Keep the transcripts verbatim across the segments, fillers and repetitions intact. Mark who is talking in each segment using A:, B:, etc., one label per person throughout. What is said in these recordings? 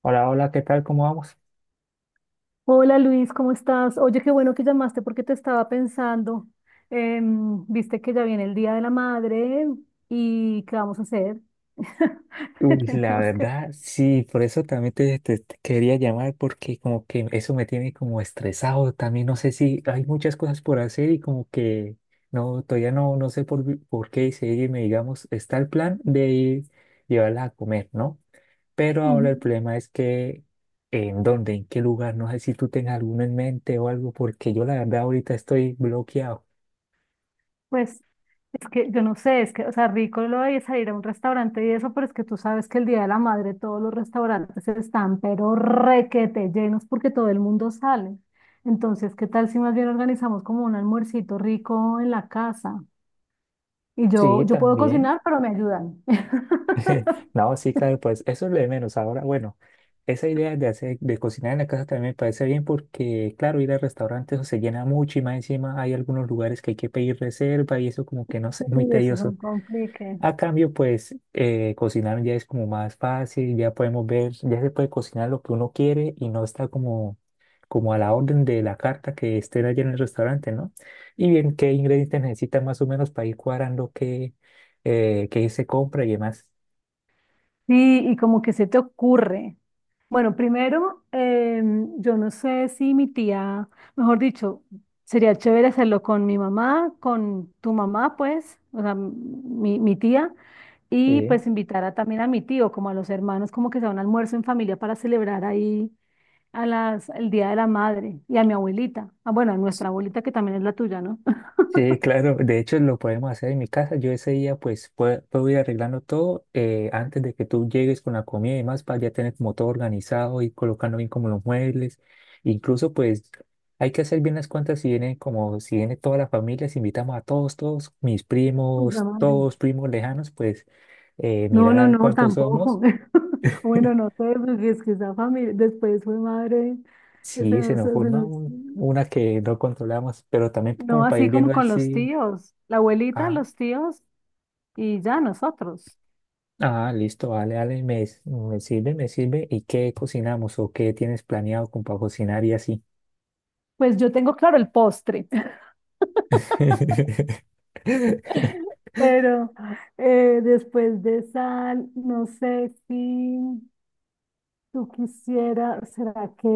A: Hola, hola, ¿qué tal? ¿Cómo vamos?
B: Hola Luis, ¿cómo estás? Oye, qué bueno que llamaste porque te estaba pensando. Em, viste que ya viene el Día de la Madre y ¿qué vamos a hacer?
A: Uy, la
B: Tenemos que...
A: verdad, sí, por eso también te, te- te quería llamar porque como que eso me tiene como estresado. También no sé si hay muchas cosas por hacer y como que no, todavía no, no sé por, por qué seguirme, digamos, está el plan de ir llevarla a comer, ¿no? Pero ahora
B: Ujú.
A: el problema es que en dónde, en qué lugar, no sé si tú tengas alguno en mente o algo, porque yo la verdad ahorita estoy bloqueado.
B: Pues es que yo no sé, es que, o sea, rico lo de salir a un restaurante y eso, pero es que tú sabes que el Día de la Madre todos los restaurantes están, pero requete llenos porque todo el mundo sale. Entonces, ¿qué tal si más bien organizamos como un almuercito rico en la casa? Y yo,
A: Sí,
B: yo puedo
A: también.
B: cocinar, pero me ayudan.
A: No, sí, claro, pues eso es lo de menos. Ahora, bueno, esa idea de hacer, de cocinar en la casa también me parece bien porque, claro, ir al restaurante eso se llena mucho y más encima hay algunos lugares que hay que pedir reserva y eso como que no sé, muy
B: Y eso es un
A: tedioso.
B: complique.
A: A cambio, pues eh, cocinar ya es como más fácil, ya podemos ver, ya se puede cocinar lo que uno quiere y no está como, como a la orden de la carta que esté allá en el restaurante, ¿no? Y bien, qué ingredientes necesitan más o menos para ir cuadrando qué, eh, qué se compra y demás.
B: Sí, y como que se te ocurre. Bueno, primero, em, yo no sé si mi tía, mejor dicho, sería chévere hacerlo con mi mamá, con tu mamá, pues, o sea, m- mi, mi tía, y
A: Sí.
B: pues invitar a- también a mi tío, como a los hermanos, como que sea un almuerzo en familia para celebrar ahí a las, el Día de la Madre y a mi abuelita. Ah, bueno, a nuestra abuelita que también es la tuya, ¿no?
A: Sí, claro, de hecho lo podemos hacer en mi casa. Yo ese día pues pue- puedo ir arreglando todo eh, antes de que tú llegues con la comida y demás para ya tener como todo organizado y colocando bien como los muebles. Incluso pues hay que hacer bien las cuentas si viene como si viene toda la familia, si invitamos a todos, todos, mis
B: Pues, la
A: primos,
B: madre.
A: todos primos lejanos, pues eh,
B: No,
A: mirar a
B: no,
A: ver
B: no,
A: cuántos somos.
B: tampoco. Bueno, no sé, porque es que esa familia, después fue madre, eh, se
A: Sí, se
B: nos- se
A: nos forma
B: nos-
A: un- una que no controlamos, pero también
B: no
A: como para
B: así
A: ir viendo
B: como
A: a ver
B: con los
A: si.
B: tíos, la abuelita,
A: Ah.
B: los tíos y ya nosotros.
A: Ah, listo, vale, vale, me, s- me sirve, me sirve. ¿Y qué cocinamos o qué tienes planeado con para cocinar y así?
B: Pues yo tengo claro el postre, pero eh, después de sal, no sé si tú quisieras, ¿será que,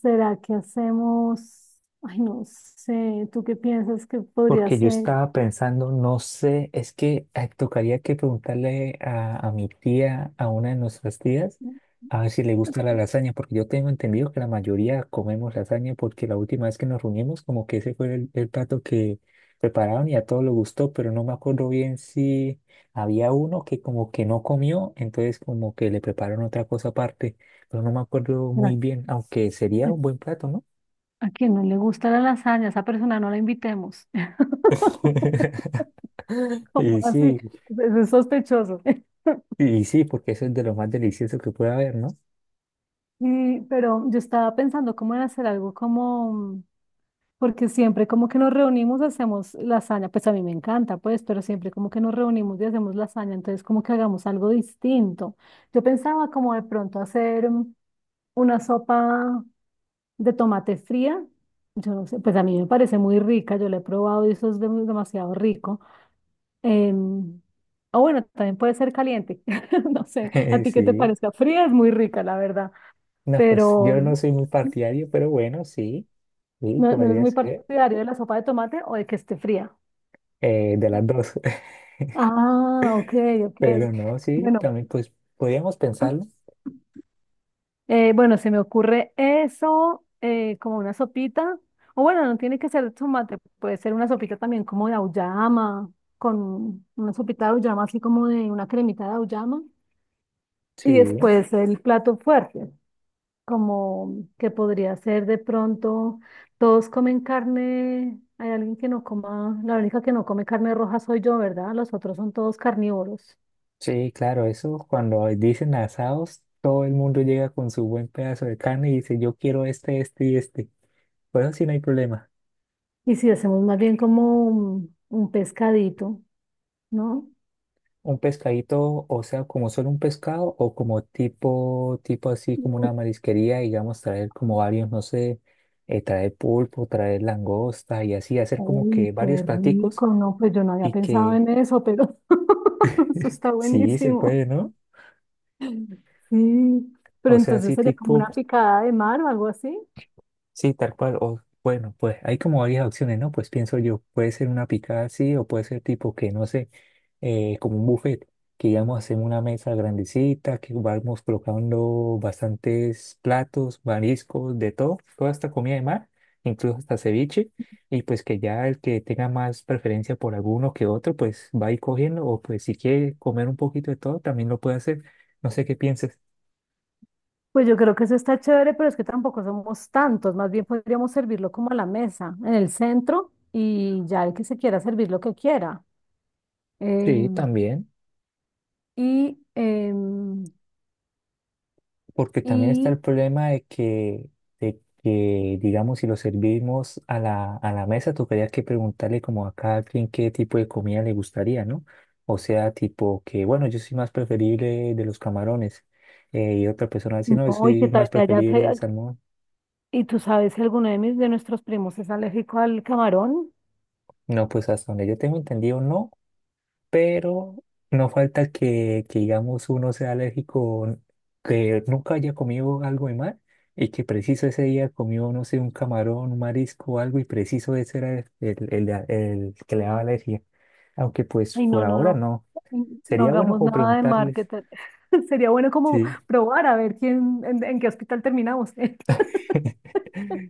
B: será que hacemos? Ay, no sé, ¿tú qué piensas que podría
A: Porque yo
B: ser?
A: estaba pensando, no sé, es que eh, tocaría que preguntarle a, a mi tía, a una de nuestras tías, a ver si le gusta la lasaña, porque yo tengo entendido que la mayoría comemos lasaña, porque la última vez que nos reunimos, como que ese fue el, el plato que prepararon y a todos les gustó, pero no me acuerdo bien si había uno que como que no comió, entonces como que le prepararon otra cosa aparte, pero no me acuerdo muy bien, aunque sería un buen plato, ¿no?
B: A quien no le gusta la lasaña, a esa persona no la invitemos. ¿Cómo
A: Y
B: así?
A: sí.
B: Es, es sospechoso.
A: Y sí, porque eso es de lo más delicioso que puede haber, ¿no?
B: Y, pero yo estaba pensando cómo en hacer algo como, porque siempre como que nos reunimos, hacemos lasaña, pues a mí me encanta, pues, pero siempre como que nos reunimos y hacemos lasaña, entonces como que hagamos algo distinto. Yo pensaba como de pronto hacer mm, una sopa de tomate fría, yo no sé, pues a mí me parece muy rica, yo la he probado y eso es dem- demasiado rico. Em, o bueno, también puede ser caliente. No sé, a ti qué te
A: Sí.
B: parezca. Fría es muy rica, la verdad,
A: No, pues
B: pero
A: yo
B: mm,
A: no soy muy partidario, pero bueno, sí, sí,
B: no, no es
A: podría
B: muy
A: ser
B: partidario de la sopa de tomate o de que esté fría.
A: eh, de las dos.
B: Ah, ok, ok.
A: Pero no, sí,
B: Bueno,
A: también pues podríamos pensarlo.
B: eh, bueno, se me ocurre eso, eh, como una sopita. O bueno, no tiene que ser de tomate, puede ser una sopita también como de auyama, con una sopita de auyama, así como de una cremita de auyama. Y
A: Sí,
B: después el plato fuerte. Como que podría ser de pronto, todos comen carne, hay alguien que no coma, la única que no come carne roja soy yo, ¿verdad? Los otros son todos carnívoros.
A: sí, claro, eso cuando dicen asados, todo el mundo llega con su buen pedazo de carne y dice, yo quiero este, este y este. Bueno, sí, no hay problema.
B: Y si hacemos más bien como un, un pescadito, ¿no?
A: Un pescadito, o sea, como solo un pescado o como tipo, tipo así como
B: Mm,
A: una marisquería, digamos, traer como varios, no sé, eh, traer pulpo, traer langosta y así, hacer como
B: uy,
A: que varios
B: qué
A: platicos
B: rico, no, pues yo no había
A: y
B: pensado
A: que
B: en eso, pero eso está
A: sí se
B: buenísimo.
A: puede, ¿no?
B: Sí, pero
A: O sea,
B: entonces
A: así
B: sería como una
A: tipo.
B: picada de mar o algo así.
A: Sí, tal cual. O bueno, pues hay como varias opciones, ¿no? Pues pienso yo, puede ser una picada así o puede ser tipo que, no sé, eh, como un buffet, que digamos hacemos una mesa grandecita, que vamos colocando bastantes platos, mariscos, de todo, toda esta comida de mar, incluso hasta ceviche, y pues que ya el que tenga más preferencia por alguno que otro, pues va a ir cogiendo, o pues si quiere comer un poquito de todo, también lo puede hacer. No sé qué pienses.
B: Pues yo creo que eso está chévere, pero es que tampoco somos tantos, más bien podríamos servirlo como a la mesa, en el centro, y ya el que se quiera servir lo que quiera.
A: Sí,
B: Em,
A: también.
B: y, em,
A: Porque también está
B: y,
A: el problema de que, de que, digamos, si lo servimos a la, a la mesa, tocaría que preguntarle como a cada quien qué tipo de comida le gustaría, ¿no? O sea, tipo que, bueno, yo soy más preferible de los camarones. eh, y otra persona dice, no, yo
B: no, y qué
A: soy
B: tal
A: más
B: que haya,
A: preferible del
B: que-
A: salmón.
B: y tú sabes si alguno de mis, de nuestros primos es alérgico al camarón,
A: No, pues hasta donde yo tengo entendido, no. Pero no falta que, que, digamos, uno sea alérgico, que nunca haya comido algo de mar y que preciso ese día comió, no sé, un camarón, un marisco o algo y preciso ese era el, el- el- el que le daba alergia. Aunque pues
B: y
A: por
B: no, no,
A: ahora
B: no,
A: no.
B: mm, no
A: Sería bueno
B: hagamos
A: como
B: nada de
A: preguntarles.
B: marketing. Sería bueno como
A: Sí.
B: probar a ver quién, en, en qué hospital terminamos.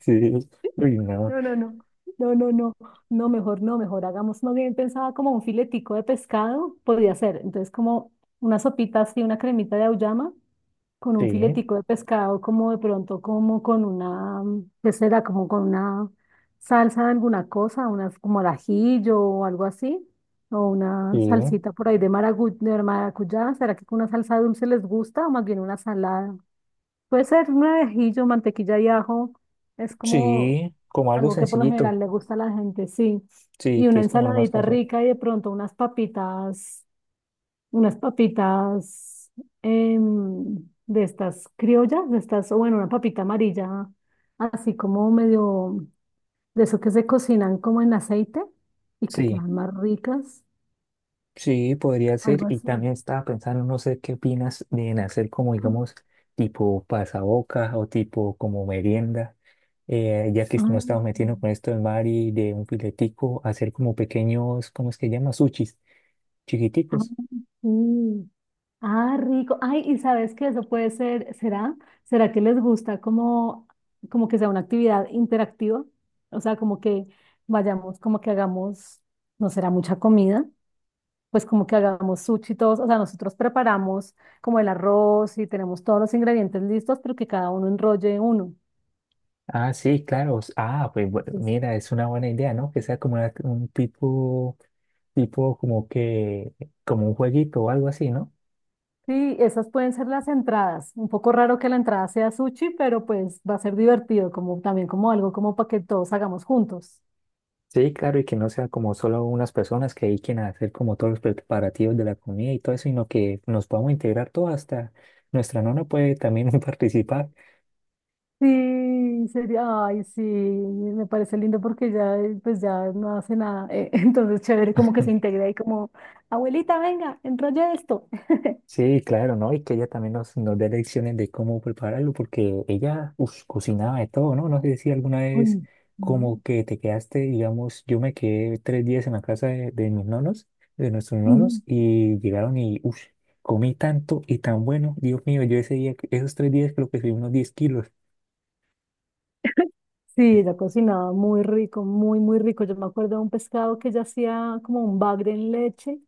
A: Sí. Uy, no.
B: No, no, no, no, no, no, no, mejor no, mejor hagamos, no bien pensaba como un filetico de pescado, podría ser, entonces como una sopita así, una cremita de auyama con un
A: Sí,
B: filetico de pescado, como de pronto, como con una, mm, ¿qué será? Como con una salsa de alguna cosa, unas como al ajillo o algo así, o
A: sí,
B: una salsita por ahí de maragu- de maracuyá, ¿será que con una salsa dulce les gusta o más bien una salada? Puede ser un ajillo, mantequilla y ajo, es como...
A: sí, como algo
B: Algo que por lo
A: sencillito.
B: general le gusta a la gente, sí.
A: Sí,
B: Y
A: que
B: una
A: es como lo más
B: ensaladita
A: casual.
B: rica y de pronto unas papitas, unas papitas em, de estas criollas, de estas, o bueno, una papita amarilla, así como medio de eso que se cocinan como en aceite y que
A: Sí.
B: quedan más ricas,
A: Sí, podría
B: algo
A: ser. Y también
B: así.
A: estaba pensando, no sé qué opinas de en hacer como, digamos, tipo pasabocas o tipo como merienda. eh, ya que nos
B: Ah,
A: estamos
B: sí.
A: metiendo con esto del mar y de un filetico, hacer como pequeños, ¿cómo es que llama? Sushis,
B: Ah,
A: chiquiticos.
B: sí. Ah, rico. Ay, y sabes qué eso puede ser, ¿será? ¿Será que les gusta como, como que sea una actividad interactiva? O sea, como que vayamos, como que hagamos, no será mucha comida, pues como que hagamos sushi todos, o sea, nosotros preparamos como el arroz y tenemos todos los ingredientes listos, pero que cada uno enrolle uno.
A: Ah, sí, claro. s- Ah, pues bu-
B: Entonces,
A: mira, es una buena idea, ¿no? Que sea como una- un tipo, tipo, como que, como un jueguito o algo así, ¿no?
B: sí, esas pueden ser las entradas. Un poco raro que la entrada sea sushi, pero pues va a ser divertido, como también como algo como para que todos hagamos juntos.
A: Sí, claro, y que no sea como solo unas personas que dediquen a hacer como todos los preparativos de la comida y todo eso, sino que nos podamos integrar todo hasta nuestra nona puede también participar.
B: Sí, sería, ay, sí, me parece lindo porque ya, eh, pues ya no hace nada. Eh, entonces, chévere, como que se integra y como, abuelita, venga, enrolla esto.
A: Sí, claro, ¿no? Y que ella también nos, nos dé lecciones de cómo prepararlo, porque ella, ush, cocinaba de todo, ¿no? No sé si alguna
B: Uy,
A: vez
B: mm,
A: como que te quedaste, digamos, yo me quedé tres días en la casa de, de mis nonos, de nuestros
B: ujú.
A: nonos, y llegaron y, uff, comí tanto y tan bueno, Dios mío, yo ese día, esos tres días creo que subí unos diez kilos.
B: Sí, ella cocinaba muy rico, muy, muy rico. Yo me acuerdo de un pescado que ella hacía como un bagre en leche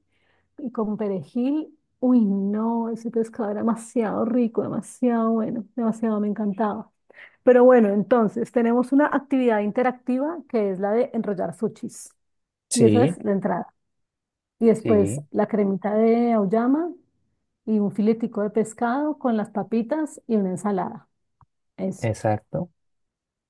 B: y con perejil. Uy, no, ese pescado era demasiado rico, demasiado bueno, demasiado me encantaba. Pero bueno, entonces tenemos una actividad interactiva que es la de enrollar sushis. Y esa
A: Sí,
B: es la entrada. Y después
A: sí,
B: la cremita de auyama y un filetico de pescado con las papitas y una ensalada. Eso.
A: exacto.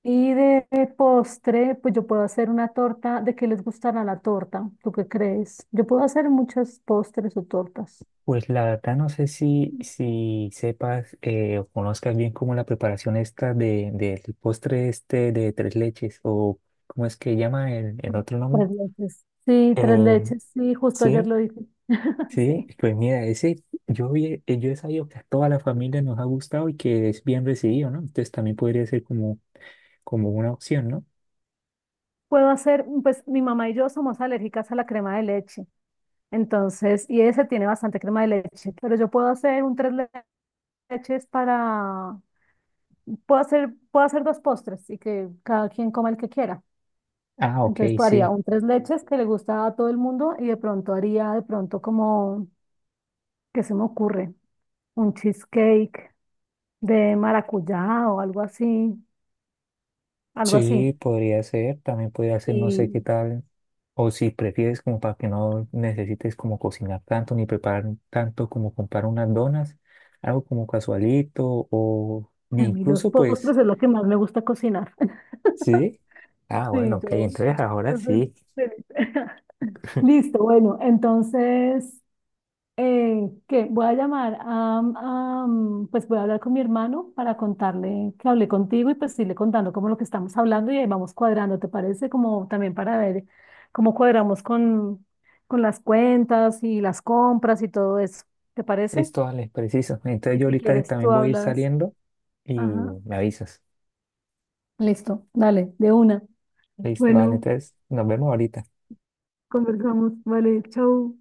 B: Y de postre, pues yo puedo hacer una torta. ¿De qué les gustará la torta? ¿Tú qué crees? Yo puedo hacer muchos postres o tortas.
A: Pues la verdad no sé si, si sepas eh, o conozcas bien como la preparación esta de, del postre este de tres leches o cómo es que llama el, el otro nombre.
B: Tres leches. Sí, tres
A: Eh,
B: leches. Sí, justo ayer
A: sí,
B: lo dije.
A: sí,
B: Sí.
A: pues mira, ese yo, vi- eh, yo he sabido que a toda la familia nos ha gustado y que es bien recibido, ¿no? Entonces también podría ser como, como una opción, ¿no?
B: Puedo hacer, pues mi mamá y yo somos alérgicas a la crema de leche. Entonces, y ese tiene bastante crema de leche, pero yo puedo hacer un tres leches para, puedo hacer, puedo hacer dos postres y que cada quien coma el que quiera.
A: Ah, ok,
B: Entonces pues, haría
A: sí.
B: un tres leches que le gusta a todo el mundo y de pronto haría de pronto como, ¿qué se me ocurre? Un cheesecake de maracuyá o algo así, algo así.
A: Sí, podría ser, también podría ser, no sé qué
B: Y
A: tal, o si prefieres como para que no necesites como cocinar tanto ni preparar tanto como comprar unas donas, algo como casualito o
B: a mí los
A: incluso pues,
B: postres es lo que más me gusta cocinar.
A: sí. Ah, bueno,
B: Sí,
A: ok,
B: yo.
A: entonces ahora
B: Entonces,
A: sí,
B: feliz. Listo, bueno, entonces Eh, que voy a llamar a, a, mm, pues voy a hablar con mi hermano para contarle que hablé contigo y pues irle contando como lo que estamos hablando y ahí vamos cuadrando, ¿te parece? Como también para ver cómo cuadramos con, con las cuentas y las compras y todo eso, ¿te parece?
A: listo, vale, preciso. Entonces
B: Y
A: yo
B: si
A: ahorita
B: quieres,
A: también
B: tú
A: voy a ir
B: hablas.
A: saliendo y
B: Ajá,
A: me avisas.
B: listo, dale, de una.
A: Listo, vale,
B: Bueno,
A: entonces nos vemos ahorita.
B: conversamos, vale, chau.